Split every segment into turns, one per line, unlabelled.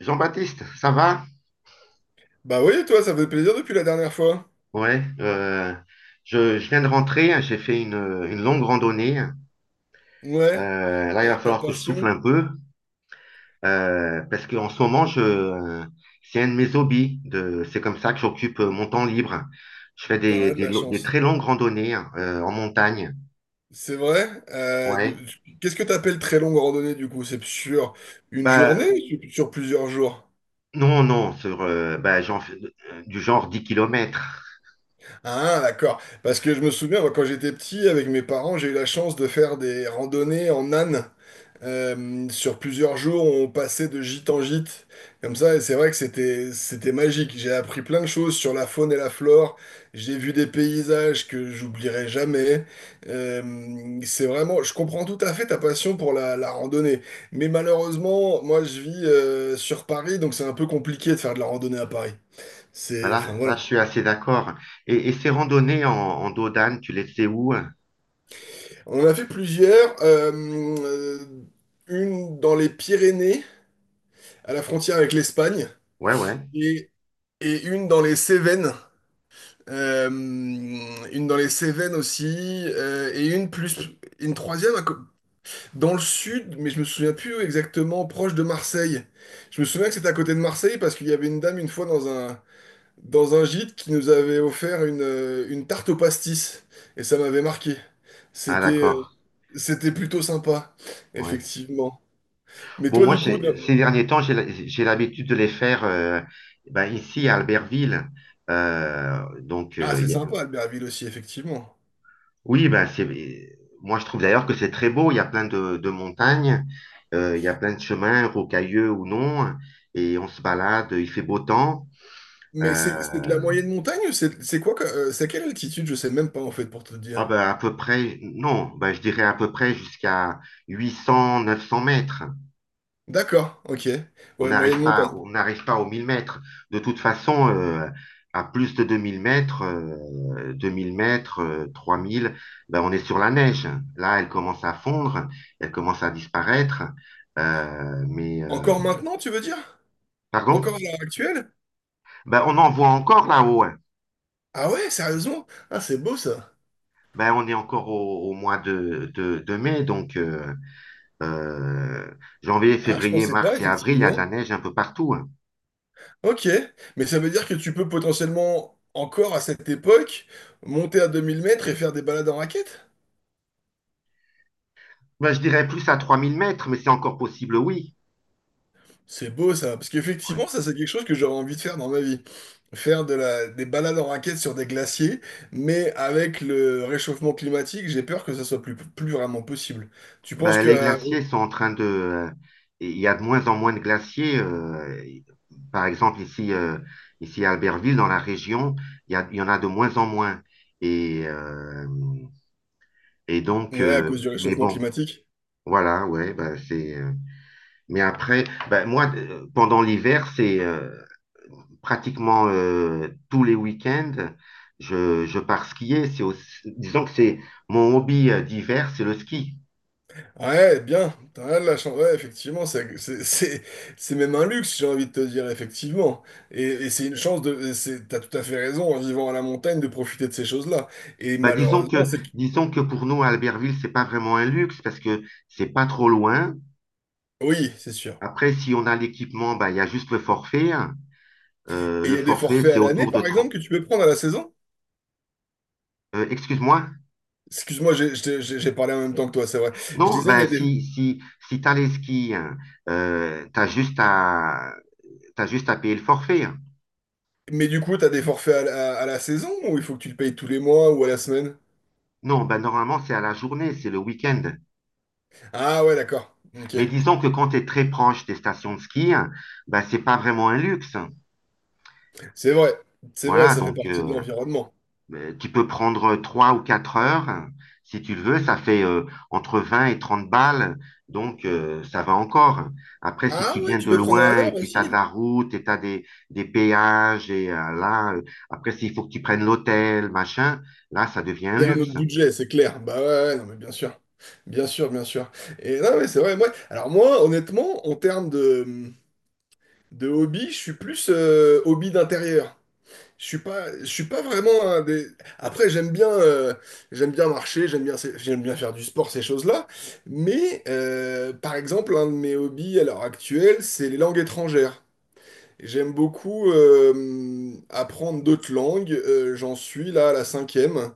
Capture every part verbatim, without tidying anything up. Jean-Baptiste, ça va?
Bah oui, toi, ça fait plaisir depuis la dernière fois.
Ouais, euh, je, je viens de rentrer, hein, j'ai fait une, une longue randonnée.
Ouais,
Euh, là, il
ta
va
ta
falloir que je souffle
passion,
un peu euh, parce qu'en ce moment, je, c'est un de mes hobbies. De, c'est comme ça que j'occupe mon temps libre. Je fais
t'en
des,
as de
des,
la
lo- des
chance.
très longues randonnées, hein, euh, en montagne.
C'est vrai. Euh, de-
Ouais.
qu'est-ce que t'appelles très longue randonnée du coup? C'est sur une
Bah,
journée ou sur sur plusieurs jours?
non, non, sur, euh, bah, j'en fais euh, du genre dix kilomètres.
Ah, d'accord. Parce que je me souviens, moi, quand j'étais petit, avec mes parents, j'ai eu la chance de faire des randonnées en âne. Euh, sur plusieurs jours, on passait de gîte en gîte, comme ça, et c'est vrai que c'était c'était magique. J'ai appris plein de choses sur la faune et la flore. J'ai vu des paysages que j'oublierai jamais. Euh, c'est vraiment, je comprends tout à fait ta passion pour la, la randonnée, mais malheureusement, moi, je vis euh, sur Paris, donc c'est un peu compliqué de faire de la randonnée à Paris. C'est, enfin
Voilà,
voilà.
là, je suis assez d'accord. Et, et ces randonnées en, en dos d'âne, tu les fais où? Ouais,
On en a fait plusieurs. Euh, une dans les Pyrénées, à la frontière avec l'Espagne,
ouais.
et, et une dans les Cévennes. Euh, une dans les Cévennes aussi, euh, et une plus, une troisième à co- dans le sud, mais je me souviens plus exactement, proche de Marseille. Je me souviens que c'était à côté de Marseille parce qu'il y avait une dame une fois dans un, dans un gîte qui nous avait offert une, euh, une tarte au pastis. Et ça m'avait marqué.
Ah,
C'était euh,
d'accord.
c'était plutôt sympa,
Ouais.
effectivement. Mais
Bon,
toi,
moi,
du coup,
j'ai-
de-
ces derniers temps, j'ai la- j'ai l'habitude de les faire, euh, ben, ici à Albertville. Euh, donc,
ah,
euh, il
c'est
y a-
sympa, Albertville aussi, effectivement.
oui, ben, c'est, moi, je trouve d'ailleurs que c'est très beau. Il y a plein de, de montagnes, euh, il y a plein de chemins, rocailleux ou non, et on se balade, il fait beau temps.
Mais
Euh,
c'est c'est de la moyenne montagne? Ou C'est c'est quoi? Que- euh, c'est à quelle altitude? Je sais même pas, en fait, pour te
ah
dire.
ben, à peu près, non, ben, je dirais à peu près jusqu'à huit cents, neuf cents mètres.
D'accord, ok.
On
Ouais, moyenne
n'arrive
montagne.
pas, on n'arrive pas aux mille mètres. De toute façon, euh, à plus de deux mille mètres, euh, deux mille mètres, euh, trois mille, ben on est sur la neige. Là, elle commence à fondre, elle commence à disparaître. Euh, mais, euh,
Encore maintenant, tu veux dire?
pardon?
Encore à l'heure actuelle?
Ben, on en voit encore là-haut, hein.
Ah ouais, sérieusement? Ah, c'est beau ça.
Ben, on est encore au, au mois de, de, de mai, donc euh, euh, janvier,
Ah, je
février,
pensais pas,
mars et avril, il y a de la
effectivement.
neige un peu partout, hein.
Ok, mais ça veut dire que tu peux potentiellement, encore à cette époque, monter à deux mille mètres et faire des balades en raquette?
Ben, je dirais plus à trois mille mètres, mais c'est encore possible, oui.
C'est beau ça, parce
Ouais.
qu'effectivement, ça c'est quelque chose que j'aurais envie de faire dans ma vie. Faire de la, des balades en raquette sur des glaciers, mais avec le réchauffement climatique, j'ai peur que ça soit plus, plus vraiment possible. Tu penses
Ben,
que,
les
euh,
glaciers sont en train de. Euh, il y a de moins en moins de glaciers. Euh, par exemple, ici, euh, ici à Albertville, dans la région, il y a- il y en a de moins en moins. Et, euh, et donc,
ouais, à
euh,
cause du
mais
réchauffement
bon,
climatique?
voilà, ouais, ben, c'est... euh, mais après, ben, moi, euh, pendant l'hiver, c'est euh, pratiquement euh, tous les week-ends, je, je pars skier. C'est aussi- disons que c'est mon hobby euh, d'hiver, c'est le ski.
Ouais, bien, t'as rien de la chance. Ouais, effectivement, c'est c'est- c'est- c'est même un luxe, j'ai envie de te dire, effectivement. Et, et c'est une chance de. C'est- T'as tout à fait raison, en vivant à la montagne, de profiter de ces choses-là. Et
Bah, disons
malheureusement,
que,
c'est.
disons que pour nous, à Albertville, c'est pas vraiment un luxe parce que c'est pas trop loin.
Oui, c'est sûr.
Après, si on a l'équipement, bah, il y a juste le forfait, hein. Euh,
Et il
le
y a des
forfait,
forfaits
c'est
à l'année,
autour de
par exemple,
trente.
que tu peux prendre à la saison?
Euh, excuse-moi.
Excuse-moi, j'ai j'ai- j'ai- j'ai parlé en même temps que toi, c'est vrai. Je
Non,
disais, il y
bah,
a des.
si, si, si t'as les skis, hein, euh, t'as juste à, t'as juste à payer le forfait, hein.
Mais du coup, t'as des forfaits à, la à la saison ou il faut que tu le payes tous les mois ou à la semaine?
Non, bah, normalement, c'est à la journée, c'est le week-end.
Ah ouais, d'accord. Ok.
Mais disons que quand t'es très proche des stations de ski, hein, bah, c'est pas vraiment un luxe, hein.
C'est vrai. C'est vrai,
Voilà,
ça fait
donc,
partie de
euh,
l'environnement.
Euh, tu peux prendre, euh, trois ou quatre heures, hein, si tu le veux, ça fait, euh, entre vingt et trente balles, donc euh, ça va encore. Après, si
Ah
tu
ouais,
viens
tu
de
peux prendre à
loin et
l'heure
puis tu as de
aussi?
la route et tu as des, des péages et euh, là, euh, après s'il faut que tu prennes l'hôtel, machin, là, ça devient un
C'est un autre
luxe.
budget, c'est clair. Bah ouais, ouais, non, mais bien sûr. Bien sûr, bien sûr. Et non, mais c'est vrai, moi. Alors moi, honnêtement, en termes de, de hobby, je suis plus euh, hobby d'intérieur. Je suis pas, je suis pas vraiment un des. Après, j'aime bien, euh, j'aime bien marcher, j'aime bien, ces- j'aime bien faire du sport, ces choses-là. Mais euh, par exemple, un de mes hobbies à l'heure actuelle, c'est les langues étrangères. J'aime beaucoup euh, apprendre d'autres langues. Euh, j'en suis là à la cinquième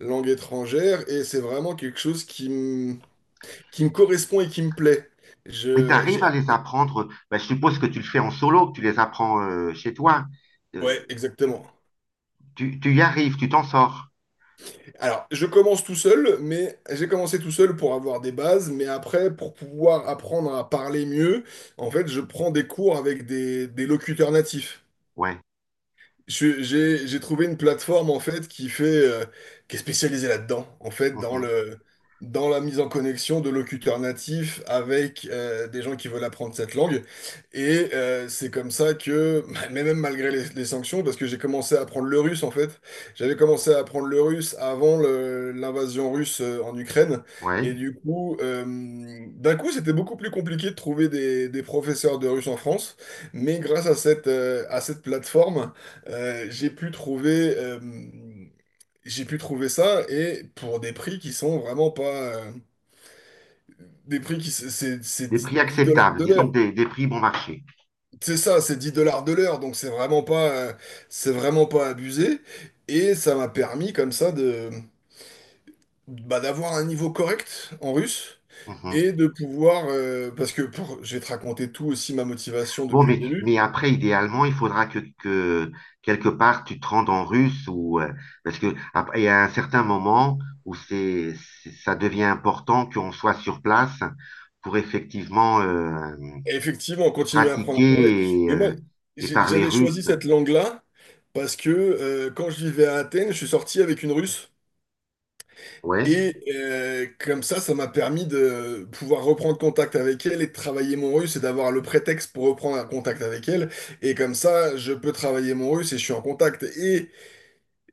langue étrangère et c'est vraiment quelque chose qui me, qui me correspond et qui me plaît.
Et tu
Je, j'ai,
arrives à les
appris-
apprendre, ben, je suppose que tu le fais en solo, que tu les apprends, euh, chez toi.
ouais,
Euh, tu,
exactement.
tu, tu y arrives, tu t'en sors.
Alors, je commence tout seul, mais j'ai commencé tout seul pour avoir des bases, mais après, pour pouvoir apprendre à parler mieux, en fait, je prends des cours avec des, des locuteurs natifs.
Ouais.
Je- J'ai j'ai trouvé une plateforme en fait qui fait euh, qui est spécialisée là-dedans en fait dans
Mhm.
le dans la mise en connexion de locuteurs natifs avec euh, des gens qui veulent apprendre cette langue et euh, c'est comme ça que mais même malgré les, les sanctions parce que j'ai commencé à apprendre le russe en fait j'avais commencé à apprendre le russe avant le- l'invasion russe euh, en Ukraine et
Ouais.
du coup euh, d'un coup c'était beaucoup plus compliqué de trouver des, des professeurs de russe en France mais grâce à cette euh, à cette plateforme euh, j'ai pu trouver, euh, j'ai pu trouver ça et pour des prix qui sont vraiment pas, euh, des prix qui s- c'est c'est
Des
dix
prix
dix dollars
acceptables,
de l'heure.
disons que des, des prix bon marché.
C'est ça, c'est dix dollars de l'heure, donc c'est vraiment pas, euh, c'est vraiment pas abusé. Et ça m'a permis comme ça de, bah, d'avoir un niveau correct en russe
Mhm.
et de pouvoir, euh, parce que pour, je vais te raconter tout aussi ma motivation
Bon,
depuis le
mais, mais
début.
après, idéalement, il faudra que, que quelque part tu te rendes en russe ou euh, parce que après, il y a un certain moment où c'est, c'est- ça devient important qu'on soit sur place pour effectivement euh,
Effectivement, on continue à apprendre à parler.
pratiquer et,
Mais moi,
euh, et
j'ai-
parler
j'avais choisi
russe.
cette langue-là parce que euh, quand je vivais à Athènes, je suis sorti avec une Russe.
Ouais.
Et euh, comme ça, ça m'a permis de pouvoir reprendre contact avec elle et de travailler mon russe et d'avoir le prétexte pour reprendre un contact avec elle. Et comme ça, je peux travailler mon russe et je suis en contact. Et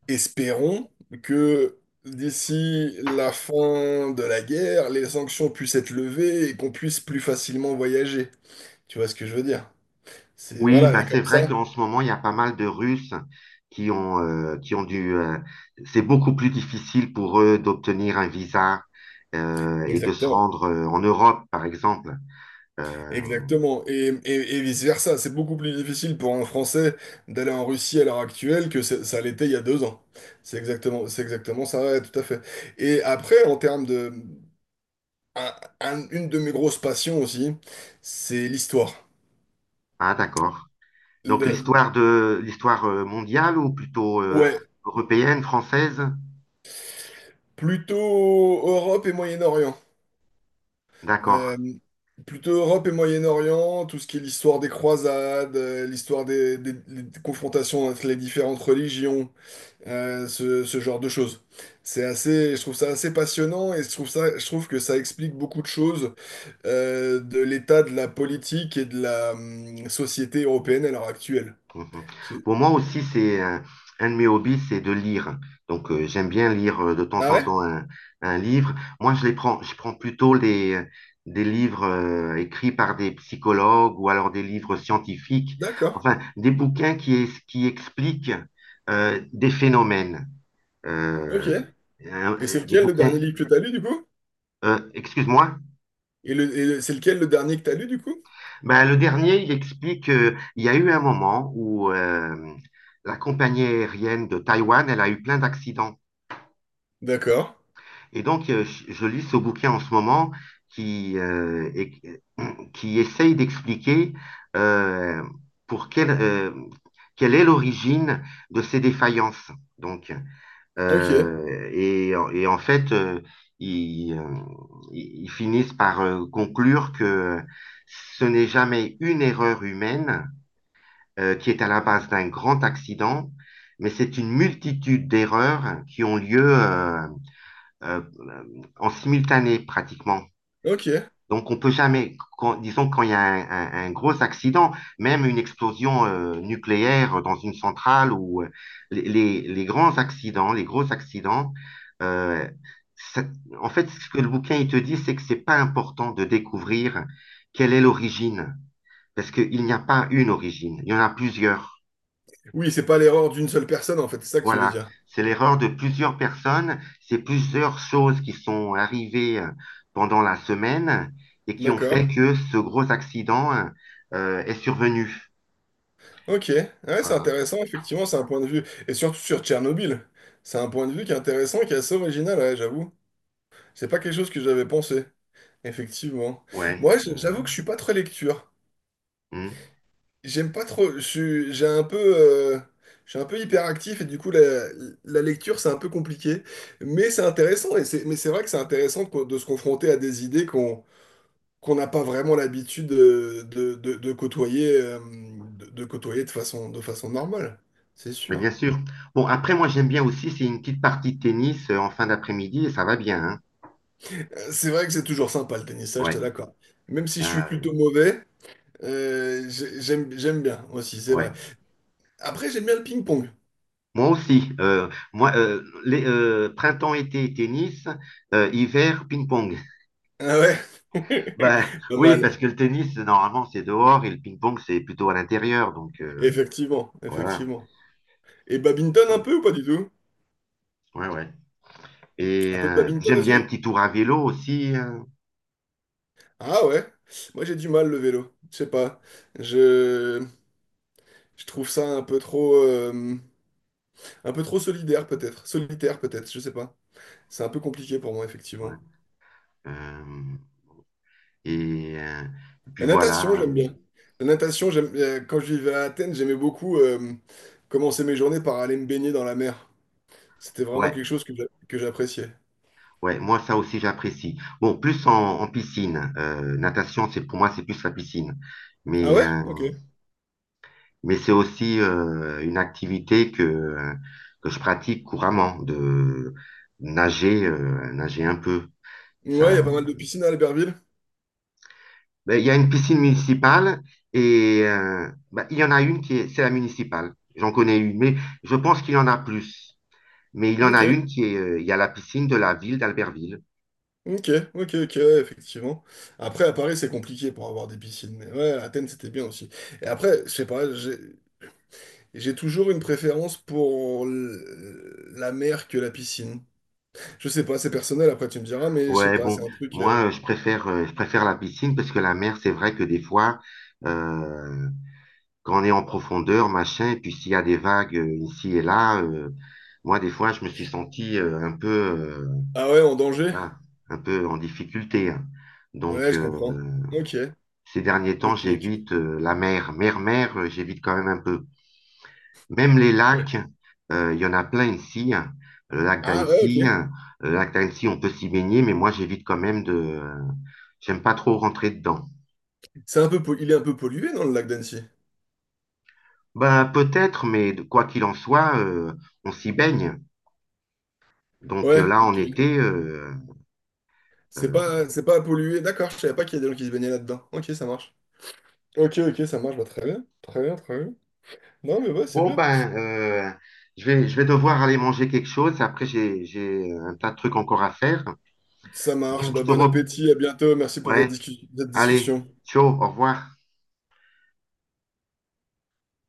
espérons que d'ici la fin de la guerre, les sanctions puissent être levées et qu'on puisse plus facilement voyager. Tu vois ce que je veux dire? C'est,
Oui,
voilà, et
bah c'est
comme ça,
vrai qu'en ce moment, il y a pas mal de Russes qui ont euh, qui ont dû euh, c'est beaucoup plus difficile pour eux d'obtenir un visa, euh, et de se
exactement.
rendre, euh, en Europe, par exemple. Euh,
Exactement. Et, et, et vice-versa. C'est beaucoup plus difficile pour un Français d'aller en Russie à l'heure actuelle que ça ça l'était il y a deux ans. C'est exactement, c'est exactement ça, ouais, tout à fait. Et après, en termes de... un- un- une de mes grosses passions aussi, c'est l'histoire.
Ah, d'accord. Donc
Le-
l'histoire de l'histoire, euh, mondiale ou plutôt euh,
ouais,
européenne, française?
plutôt Europe et Moyen-Orient. Euh,
D'accord.
Plutôt Europe et Moyen-Orient, tout ce qui est l'histoire des croisades, euh, l'histoire des, des- des confrontations entre les différentes religions, euh, ce, ce genre de choses. C'est assez, je trouve ça assez passionnant et je trouve ça, je trouve que ça explique beaucoup de choses euh, de l'état de la politique et de la hum, société européenne à l'heure actuelle.
Mhm.
J'ai-
Pour moi aussi, c'est euh, un de mes hobbies, c'est de lire. Donc euh, j'aime bien lire, euh, de temps
Ah
en
ouais?
temps un, un livre. Moi, je les prends, je prends plutôt les, euh, des livres, euh, écrits par des psychologues ou alors des livres scientifiques.
D'accord.
Enfin, des bouquins qui, es- qui expliquent, euh, des phénomènes.
Ok.
Euh, un-
Et c'est
euh, des
lequel le dernier
bouquins.
livre que t'as lu du coup?
Euh, excuse-moi.
Et, le, et le- c'est lequel le dernier que t'as lu du coup?
Ben, le dernier, il explique qu'il y a eu un moment où euh, la compagnie aérienne de Taïwan, elle a eu plein d'accidents.
D'accord.
Et donc, euh, je je lis ce bouquin en ce moment qui, euh, et- euh, qui essaye d'expliquer, euh, pour quelle, euh, quelle est l'origine de ces défaillances. Donc,
Ok.
euh, et, et en fait, euh, ils, euh, ils- ils finissent par, euh, conclure que ce n'est jamais une erreur humaine, euh, qui est à la base d'un grand accident, mais c'est une multitude d'erreurs qui ont lieu, euh, euh, en simultané pratiquement.
Ok.
Donc on peut jamais, quand- disons quand il y a un, un- un gros accident, même une explosion, euh, nucléaire dans une centrale ou euh, les, les- grands accidents, les gros accidents, euh, ça- en fait ce que le bouquin il te dit, c'est que c'est pas important de découvrir quelle est l'origine, parce qu'il n'y a pas une origine, il y en a plusieurs.
Oui, c'est pas l'erreur d'une seule personne en fait, c'est ça que tu veux
Voilà,
dire.
c'est l'erreur de plusieurs personnes, c'est plusieurs choses qui sont arrivées, euh, pendant la semaine et qui ont
D'accord.
fait que ce gros accident, euh, est survenu.
Ok, ouais, c'est
Voilà,
intéressant, effectivement, c'est un point de vue. Et surtout sur Tchernobyl, c'est un point de vue qui est intéressant, qui est assez original, ouais, j'avoue. C'est pas quelque chose que j'avais pensé, effectivement.
ouais.
Moi, j-
Euh,
j'avoue que je suis pas très lecture.
hmm.
J'aime pas trop, je suis- j'ai un peu, euh, je suis un peu hyperactif et du coup, la, la lecture, c'est un peu compliqué. Mais c'est intéressant, et c'est, mais c'est vrai que c'est intéressant de, de se confronter à des idées qu'on qu'on n'a pas vraiment l'habitude de, de, de- de côtoyer, euh, de, de côtoyer de façon, de façon normale, c'est
Mais
sûr.
bien sûr. Bon, après, moi, j'aime bien aussi, c'est une petite partie de tennis, euh, en fin d'après-midi et ça va bien, hein.
C'est vrai que c'est toujours sympa le tennis, ça, je te
Ouais.
l'accorde. Même si je suis
Euh,
plutôt mauvais, euh, j'ai- j'aime, j'aime bien aussi, c'est
ouais.
vrai. Après, j'aime bien le ping-pong.
Moi aussi. Euh, moi, euh, les, euh, printemps, été, tennis, euh, hiver, ping-pong.
Ah ouais?
Bah,
Pas
oui, parce
mal.
que le tennis, normalement, c'est dehors et le ping-pong, c'est plutôt à l'intérieur. Donc, euh,
Effectivement,
voilà.
effectivement. Et badminton un
Ouais,
peu ou pas du tout?
ouais, ouais. Et
Un peu de
euh,
badminton
j'aime bien un
aussi?
petit tour à vélo aussi. Euh,
Ah ouais? Moi, j'ai du mal le vélo. Je sais pas. Je, je trouve ça un peu trop, euh, un peu trop solidaire peut-être. Solitaire peut-être, je sais pas. C'est un peu compliqué pour moi,
ouais.
effectivement.
Euh, et, euh, et puis
La
voilà.
natation, j'aime
Euh,
bien. La natation, j'aime, euh, quand je vivais à Athènes, j'aimais beaucoup euh, commencer mes journées par aller me baigner dans la mer. C'était vraiment
ouais,
quelque chose que j'a- que j'appréciais.
ouais, moi, ça aussi, j'apprécie. Bon, plus en, en, piscine. Euh, natation, c'est pour moi, c'est plus la piscine.
Ah
Mais,
ouais?
euh,
Ok. Ouais,
mais c'est aussi, euh, une activité que, euh, que je pratique couramment, de nager, euh, nager un peu.
il y a
Ça.
pas mal de piscines à Albertville.
Ben, il y a une piscine municipale et euh, ben, il y en a une qui est, c'est la municipale. J'en connais une, mais je pense qu'il y en a plus. Mais il y en a
Ok,
une qui est, euh, il y a la piscine de la ville d'Albertville.
ok, ok, ok, ouais, effectivement. Après, à Paris, c'est compliqué pour avoir des piscines. Mais ouais, à Athènes, c'était bien aussi. Et après, je sais pas, j'ai j'ai toujours une préférence pour l- la mer que la piscine. Je sais pas, c'est personnel, après tu me diras, mais je sais
Ouais,
pas,
bon,
c'est un truc... euh,
moi, euh, je préfère, euh, je préfère la piscine parce que la mer, c'est vrai que des fois, euh, quand on est en profondeur, machin, et puis s'il y a des vagues, euh, ici et là, euh, moi, des fois, je me suis senti, euh, un peu, euh,
Ah ouais, en danger?
voilà, un peu en difficulté, hein. Donc,
Ouais, je comprends.
euh,
Ok,
ces derniers temps,
ok,
j'évite,
ok.
euh, la mer. Mer, mer, euh, j'évite quand même un peu. Même les
Ouais.
lacs, euh, il y en a plein ici, hein. Le lac
Ah ouais,
d'Annecy,
ok.
hein. Le lac d'Annecy, on peut s'y baigner, mais moi, j'évite quand même de. Euh, J'aime pas trop rentrer dedans.
C'est un peu, pol- il est un peu pollué dans le lac d'Annecy.
Ben, peut-être, mais de- quoi qu'il en soit, euh, on s'y baigne. Donc euh,
Ouais,
là, en
ok.
été, euh,
C'est
euh,
pas, c'est pas pollué. D'accord, je savais pas qu'il y a des gens qui se baignaient là-dedans. Ok, ça marche. Ok, ok, ça marche. Bah, très bien, très bien, très bien. Non, mais ouais, c'est
bon,
bien.
ben, euh, je vais, je vais devoir aller manger quelque chose. Après, j'ai, j'ai un tas de trucs encore à faire.
Ça marche.
Donc, je
Bah,
te
bon
re...
appétit, à bientôt. Merci pour cette
Ouais,
discu- cette
allez,
discussion.
ciao, au revoir.